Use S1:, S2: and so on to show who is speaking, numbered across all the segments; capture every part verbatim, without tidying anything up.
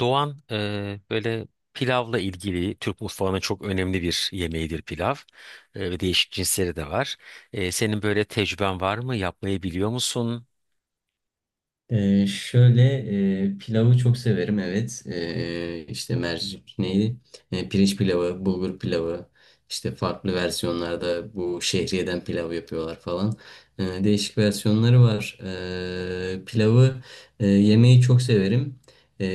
S1: Doğan eee, böyle pilavla ilgili Türk mutfağının çok önemli bir yemeğidir pilav. Eee, ve değişik cinsleri de var. Eee, senin böyle tecrüben var mı? Yapmayı biliyor musun?
S2: Ee, şöyle e, pilavı çok severim, evet. Ee, işte mercik neydi? Ee, pirinç pilavı, bulgur pilavı. İşte farklı versiyonlarda bu şehriyeden pilav yapıyorlar falan. Ee, değişik versiyonları var. Ee, pilavı e, yemeyi çok severim. Ee,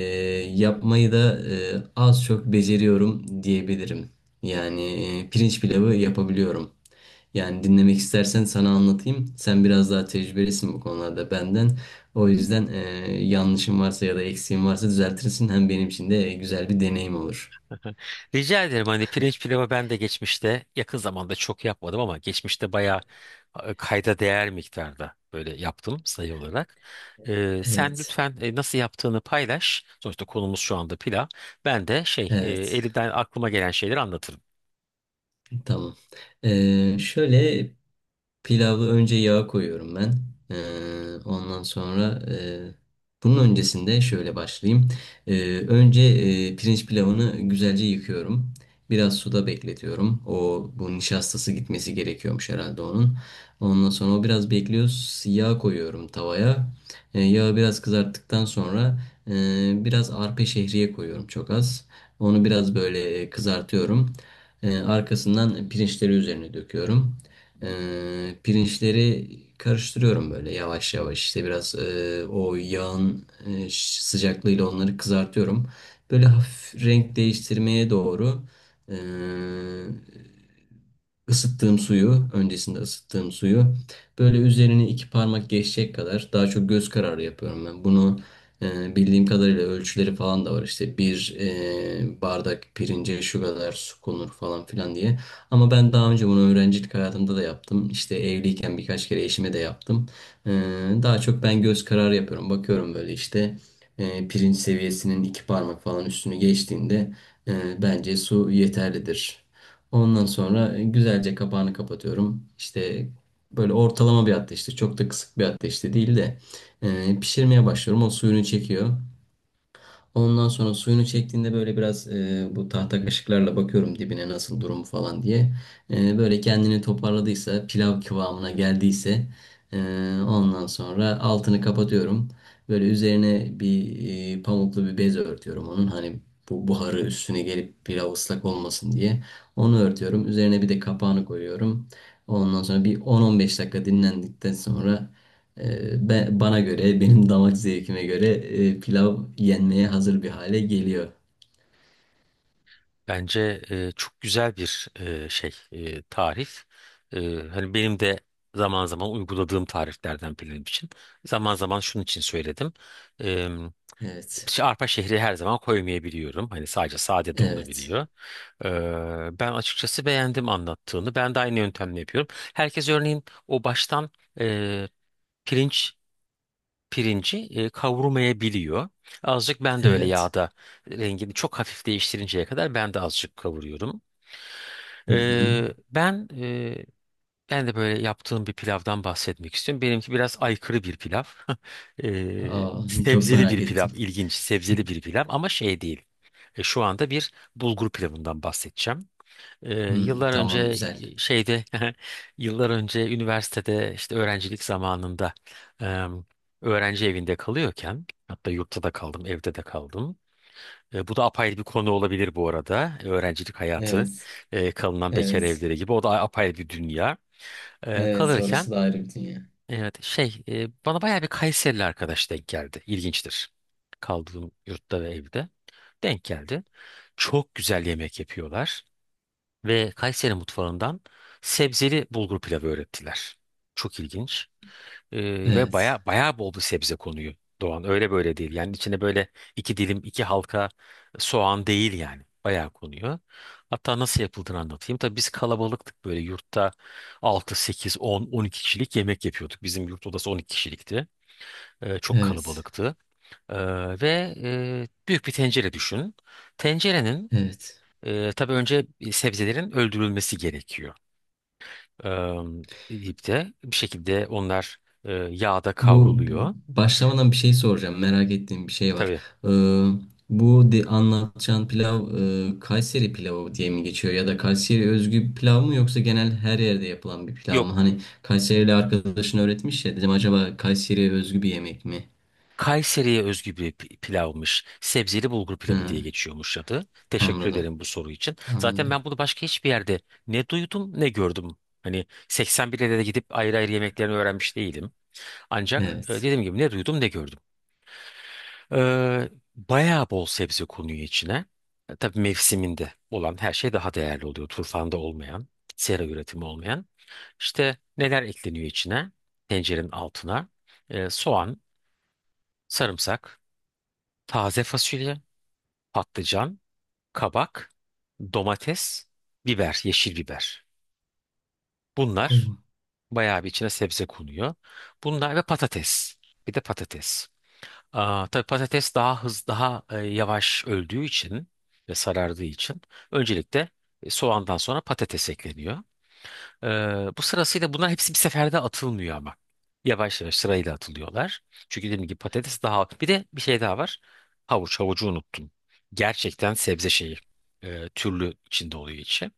S2: Yapmayı da e, az çok beceriyorum diyebilirim. Yani e, pirinç pilavı yapabiliyorum. Yani dinlemek istersen sana anlatayım. Sen biraz daha tecrübelisin bu konularda benden. O yüzden eee yanlışım varsa ya da eksiğim varsa düzeltirsin. Hem benim için de e, güzel bir deneyim olur.
S1: Rica ederim, hani pirinç pilavı ben de geçmişte yakın zamanda çok yapmadım ama geçmişte bayağı e, kayda değer miktarda böyle yaptım sayı olarak. Eee, sen
S2: Evet,
S1: lütfen e, nasıl yaptığını paylaş. Sonuçta konumuz şu anda pilav. Ben de şey e,
S2: evet.
S1: elimden aklıma gelen şeyleri anlatırım.
S2: Tamam. Eee, şöyle Pilavı önce yağa koyuyorum ben. Ee, ondan sonra e, bunun öncesinde şöyle başlayayım. Ee, Önce e, pirinç pilavını güzelce yıkıyorum. Biraz suda bekletiyorum. O bu nişastası gitmesi gerekiyormuş herhalde onun. Ondan sonra o biraz bekliyor. Yağ koyuyorum tavaya. Ee, yağı biraz kızarttıktan sonra e, biraz arpa şehriye koyuyorum çok az. Onu biraz böyle e, kızartıyorum. Ee, arkasından pirinçleri üzerine döküyorum. Ee, pirinçleri Karıştırıyorum böyle yavaş yavaş, işte biraz e, o yağın e, ş- sıcaklığıyla onları kızartıyorum. Böyle hafif renk değiştirmeye doğru, e, ısıttığım suyu, öncesinde ısıttığım suyu böyle üzerine iki parmak geçecek kadar, daha çok göz kararı yapıyorum ben. Bunu e, bildiğim kadarıyla ölçüleri falan da var, işte bir e, bardak pirince şu kadar su konur falan filan diye. Ama ben daha önce bunu öğrencilik hayatımda da yaptım. İşte evliyken birkaç kere eşime de yaptım. Ee, Daha çok ben göz kararı yapıyorum. Bakıyorum böyle işte e, pirinç seviyesinin iki parmak falan üstünü geçtiğinde e, bence su yeterlidir. Ondan sonra güzelce kapağını kapatıyorum. İşte böyle ortalama bir ateşte, çok da kısık bir ateşte değil de e, pişirmeye başlıyorum. O suyunu çekiyor. Ondan sonra suyunu çektiğinde böyle biraz e, bu tahta kaşıklarla bakıyorum dibine nasıl, durumu falan diye. E, böyle kendini toparladıysa, pilav kıvamına geldiyse e, ondan sonra altını kapatıyorum. Böyle üzerine bir e, pamuklu bir bez örtüyorum onun. Hani bu buharı üstüne gelip pilav ıslak olmasın diye. Onu örtüyorum. Üzerine bir de kapağını koyuyorum. Ondan sonra bir on on beş dakika dinlendikten sonra ee, ben, bana göre, benim damak zevkime göre e, pilav yenmeye hazır bir hale geliyor.
S1: Bence e, çok güzel bir e, şey e, tarif. E, Hani benim de zaman zaman uyguladığım tariflerden benim için. Zaman zaman şunun için söyledim. E,
S2: Evet,
S1: işte arpa şehri her zaman koymayabiliyorum. Hani sadece sade de
S2: evet,
S1: olabiliyor. E, ben açıkçası beğendim anlattığını. Ben de aynı yöntemle yapıyorum. Herkes örneğin o baştan e, pirinç pirinci e, kavurmayabiliyor. Azıcık ben de öyle
S2: evet.
S1: yağda rengini çok hafif değiştirinceye kadar ben de azıcık kavuruyorum.
S2: Hı hı.
S1: Ee, ben e, Ben de böyle yaptığım bir pilavdan bahsetmek istiyorum. Benimki biraz aykırı bir pilav. Ee,
S2: Aa, çok
S1: sebzeli bir
S2: merak
S1: pilav,
S2: ettim.
S1: ilginç sebzeli bir pilav ama şey değil. E, şu anda bir bulgur pilavından bahsedeceğim. Ee,
S2: Hmm,
S1: yıllar önce
S2: tamam, güzel.
S1: e, şeyde yıllar önce üniversitede işte öğrencilik zamanında em, öğrenci evinde kalıyorken hatta yurtta da kaldım, evde de kaldım. E, bu da apayrı bir konu olabilir bu arada. Öğrencilik hayatı,
S2: Evet,
S1: e, kalınan bekar
S2: evet,
S1: evleri gibi. O da apayrı bir dünya. E,
S2: evet.
S1: kalırken,
S2: Orası da ayrı bir dünya.
S1: evet, şey e, bana bayağı bir Kayserili arkadaş denk geldi. İlginçtir. Kaldığım yurtta ve evde denk geldi. Çok güzel yemek yapıyorlar ve Kayseri mutfağından sebzeli bulgur pilavı öğrettiler. Çok ilginç. Ee, ve
S2: Evet,
S1: baya baya bol bir sebze konuyor, Doğan. Öyle böyle değil. Yani içine böyle iki dilim, iki halka soğan değil yani. Bayağı konuyor. Hatta nasıl yapıldığını anlatayım. Tabii biz kalabalıktık, böyle yurtta altı, sekiz, on, on iki kişilik yemek yapıyorduk. Bizim yurt odası on iki kişilikti. Ee, çok
S2: evet,
S1: kalabalıktı. Ee, ve e, Büyük bir tencere düşün. Tencerenin,
S2: evet.
S1: e, tabii önce sebzelerin öldürülmesi gerekiyor. Ee, ipte bir şekilde onlar e, yağda
S2: Bu
S1: kavruluyor.
S2: b- başlamadan bir şey soracağım. Merak ettiğim bir şey var.
S1: Tabii.
S2: Ee, bu de, Anlatacağın pilav e, Kayseri pilavı diye mi geçiyor ya da Kayseri özgü bir pilav mı, yoksa genel her yerde yapılan bir pilav
S1: Yok.
S2: mı? Hani Kayserili arkadaşın öğretmiş ya, dedim acaba Kayseri'ye özgü bir yemek mi?
S1: Kayseri'ye özgü bir pi- pilavmış. Sebzeli bulgur pilavı diye
S2: Hı,
S1: geçiyormuş adı. Teşekkür
S2: anladım.
S1: ederim bu soru için. Zaten
S2: Anladım.
S1: ben bunu başka hiçbir yerde ne duydum ne gördüm. Hani seksen bire de gidip ayrı ayrı yemeklerini öğrenmiş değilim. Ancak e,
S2: Evet.
S1: dediğim gibi ne duydum ne gördüm. Ee, Bayağı bol sebze konuyor içine. E, Tabii mevsiminde olan her şey daha değerli oluyor. Turfanda olmayan, sera üretimi olmayan. İşte neler ekleniyor içine? Tencerenin altına. E, soğan, sarımsak. Taze fasulye, patlıcan, kabak, domates, biber, yeşil biber. Bunlar bayağı bir içine sebze konuyor. Bunlar ve patates. Bir de patates. Aa, tabii patates daha hız, daha e, yavaş öldüğü için ve sarardığı için öncelikle e, soğandan sonra patates ekleniyor. Ee, Bu sırasıyla bunlar hepsi bir seferde atılmıyor ama. Yavaş yavaş sırayla atılıyorlar. Çünkü dediğim gibi patates daha. Bir de bir şey daha var. Havuç. Havucu unuttum. Gerçekten sebze şeyi. E, türlü içinde oluyor içi.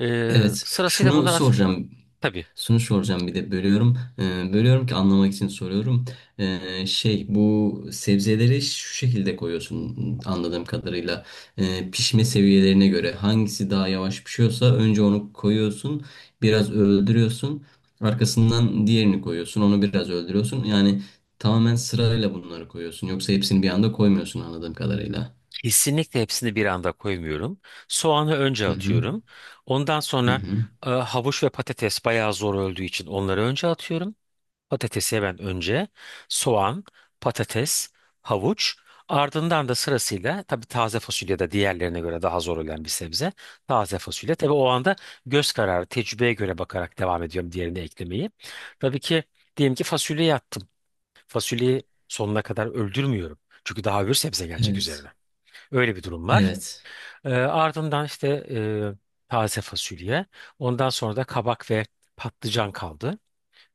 S1: Ee,
S2: Evet,
S1: sırasıyla
S2: şunu
S1: bunlar at...
S2: soracağım.
S1: Tabii,
S2: Şunu soracağım, bir de bölüyorum. Ee, bölüyorum ki anlamak için soruyorum. Ee, şey bu sebzeleri şu şekilde koyuyorsun anladığım kadarıyla. Ee, pişme seviyelerine göre hangisi daha yavaş pişiyorsa önce onu koyuyorsun. Biraz öldürüyorsun. Arkasından diğerini koyuyorsun. Onu biraz öldürüyorsun. Yani tamamen sırayla bunları koyuyorsun. Yoksa hepsini bir anda koymuyorsun anladığım kadarıyla.
S1: kesinlikle hepsini bir anda koymuyorum. Soğanı önce
S2: Hı hı.
S1: atıyorum. Ondan
S2: Hı
S1: sonra
S2: hı.
S1: e, havuç ve patates bayağı zor öldüğü için onları önce atıyorum. Patatesi ben önce soğan, patates, havuç, ardından da sırasıyla tabii taze fasulye de diğerlerine göre daha zor olan bir sebze. Taze fasulye, tabii o anda göz kararı tecrübeye göre bakarak devam ediyorum diğerini eklemeyi. Tabii ki diyelim ki fasulyeyi attım. Fasulyeyi sonuna kadar öldürmüyorum. Çünkü daha öbür sebze gelecek üzerine.
S2: Evet.
S1: Öyle bir durum var.
S2: Evet.
S1: Ee, ardından işte e, taze fasulye. Ondan sonra da kabak ve patlıcan kaldı.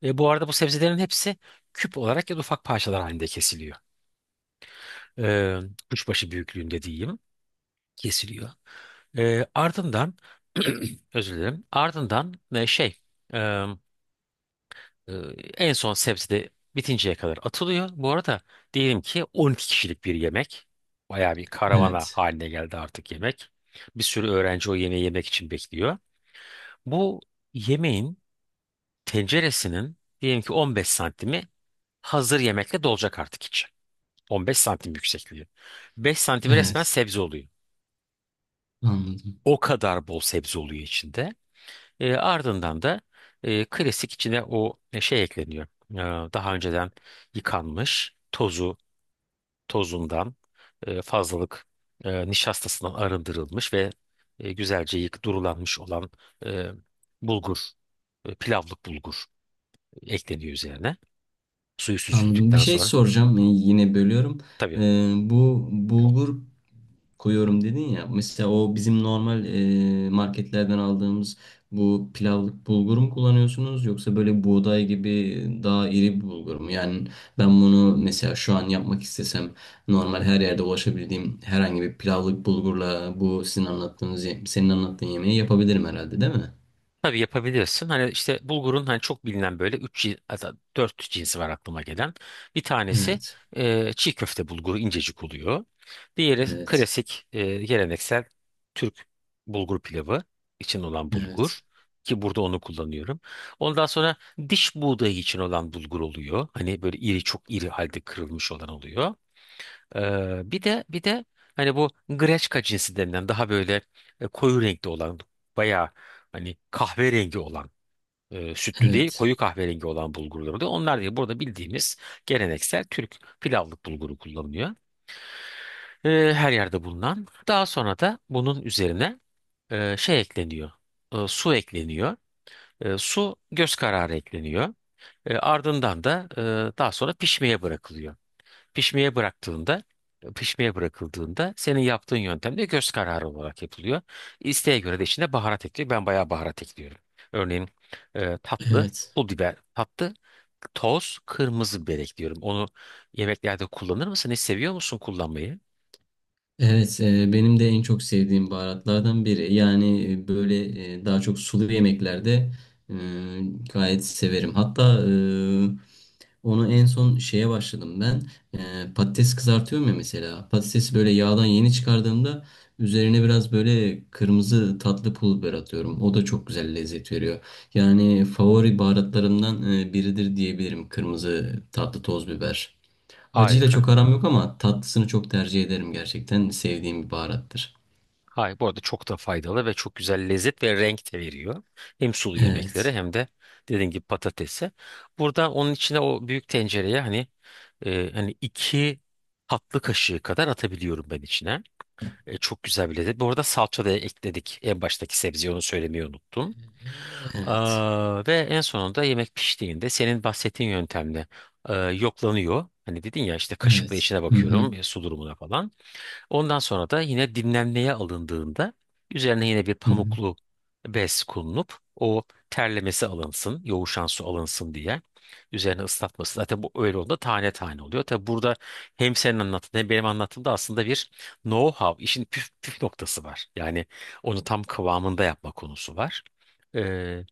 S1: Ve bu arada bu sebzelerin hepsi küp olarak ya da ufak parçalar halinde kesiliyor. Ee, Kuşbaşı büyüklüğünde diyeyim, kesiliyor. Ee, ardından özür dilerim. Ardından, e, şey e, e, en son sebze de bitinceye kadar atılıyor. Bu arada diyelim ki on iki kişilik bir yemek. Bayağı bir karavana
S2: Evet.
S1: haline geldi artık yemek. Bir sürü öğrenci o yemeği yemek için bekliyor. Bu yemeğin tenceresinin diyelim ki on beş santimi hazır yemekle dolacak artık içi. on beş santim yüksekliği. beş santim resmen
S2: Evet.
S1: sebze oluyor.
S2: Anladım.
S1: O kadar bol sebze oluyor içinde. E, ardından da e, klasik içine o e, şey ekleniyor. E, Daha önceden yıkanmış, tozu, tozundan e, fazlalık e, nişastasından arındırılmış ve e, güzelce yık durulanmış olan e, bulgur, e, pilavlık bulgur ekleniyor üzerine. Suyu
S2: Anladım. Bir
S1: süzüldükten
S2: şey
S1: sonra.
S2: soracağım. Yani yine bölüyorum. Ee,
S1: Tabii.
S2: bu bulgur koyuyorum dedin ya. Mesela o bizim normal e, marketlerden aldığımız bu pilavlık bulgur mu kullanıyorsunuz, yoksa böyle buğday gibi daha iri bir bulgur mu? Yani ben bunu mesela şu an yapmak istesem normal her yerde ulaşabildiğim herhangi bir pilavlık bulgurla bu sizin anlattığınız, ye- senin anlattığın yemeği yapabilirim herhalde, değil mi?
S1: Tabii yapabilirsin. Hani işte bulgurun, hani çok bilinen böyle üç dört cinsi var aklıma gelen. Bir tanesi
S2: Evet.
S1: e, çiğ köfte bulguru, incecik oluyor. Diğeri
S2: Evet.
S1: klasik, e, geleneksel Türk bulgur pilavı için olan bulgur
S2: Evet.
S1: ki burada onu kullanıyorum. Ondan sonra diş buğdayı için olan bulgur oluyor. Hani böyle iri, çok iri halde kırılmış olan oluyor. Ee, bir de bir de hani bu greçka cinsi denilen daha böyle e, koyu renkli olan, bayağı hani kahverengi olan, e, sütlü değil
S2: Evet.
S1: koyu kahverengi olan bulgurlar oluyor. Onlar değil, burada bildiğimiz geleneksel Türk pilavlık bulguru kullanılıyor. Ee, her yerde bulunan. Daha sonra da bunun üzerine e, şey ekleniyor. E, su ekleniyor. E, su göz kararı ekleniyor. E, ardından da e, daha sonra pişmeye bırakılıyor. Pişmeye bıraktığında, pişmeye bırakıldığında senin yaptığın yöntemde göz kararı olarak yapılıyor. İsteğe göre de içine baharat ekliyor. Ben bayağı baharat ekliyorum. Örneğin e, tatlı,
S2: Evet.
S1: pul biber, tatlı, toz, kırmızı biber ekliyorum. Onu yemeklerde kullanır mısın? Hiç seviyor musun kullanmayı?
S2: Evet, e, benim de en çok sevdiğim baharatlardan biri. Yani e, böyle e, daha çok sulu yemeklerde e, gayet severim. Hatta e, onu en son şeye başladım ben. E, patates kızartıyorum ya mesela. Patatesi böyle yağdan yeni çıkardığımda üzerine biraz böyle kırmızı tatlı pul biber atıyorum. O da çok güzel lezzet veriyor. Yani favori baharatlarımdan e, biridir diyebilirim, kırmızı tatlı toz biber. Acıyla
S1: Harika.
S2: çok aram yok ama tatlısını çok tercih ederim gerçekten. Sevdiğim bir baharattır.
S1: Hayır, bu arada çok da faydalı ve çok güzel lezzet ve renk de veriyor. Hem sulu yemeklere
S2: Evet.
S1: hem de dediğin gibi patatese. Burada onun içine o büyük tencereye hani E, hani iki tatlı kaşığı kadar atabiliyorum ben içine. E, çok güzel bir lezzet. Bu arada salça da ekledik en baştaki sebzeye, onu söylemeyi unuttum.
S2: Evet.
S1: Aa, ve en sonunda yemek piştiğinde senin bahsettiğin yöntemle e, yoklanıyor. Hani dedin ya, işte kaşıkla
S2: Evet.
S1: içine
S2: Hı hı.
S1: bakıyorum e, su durumuna falan. Ondan sonra da yine dinlenmeye alındığında üzerine yine bir
S2: Hı hı.
S1: pamuklu bez konulup o terlemesi alınsın, yoğuşan su alınsın diye üzerine ıslatması. Zaten bu öyle olduğunda tane tane oluyor. Tabi burada hem senin anlattığın hem benim anlattığımda aslında bir know-how, işin püf, püf noktası var. Yani onu tam kıvamında yapma konusu var. Ee,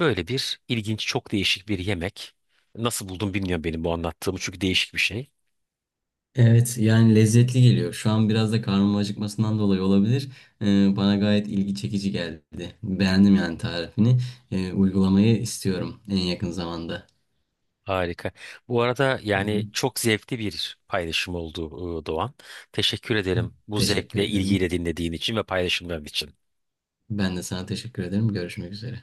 S1: Böyle bir ilginç, çok değişik bir yemek. Nasıl buldum bilmiyorum benim bu anlattığımı, çünkü değişik bir şey.
S2: Evet, yani lezzetli geliyor. Şu an biraz da karnım acıkmasından dolayı olabilir. Ee, bana gayet ilgi çekici geldi. Beğendim yani tarifini. Ee, uygulamayı istiyorum en yakın zamanda.
S1: Harika. Bu arada
S2: Hı
S1: yani
S2: hı.
S1: çok zevkli bir paylaşım oldu, e, Doğan. Teşekkür ederim bu
S2: Teşekkür
S1: zevkle,
S2: ederim.
S1: ilgiyle dinlediğin için ve paylaşımların için.
S2: Ben de sana teşekkür ederim. Görüşmek üzere.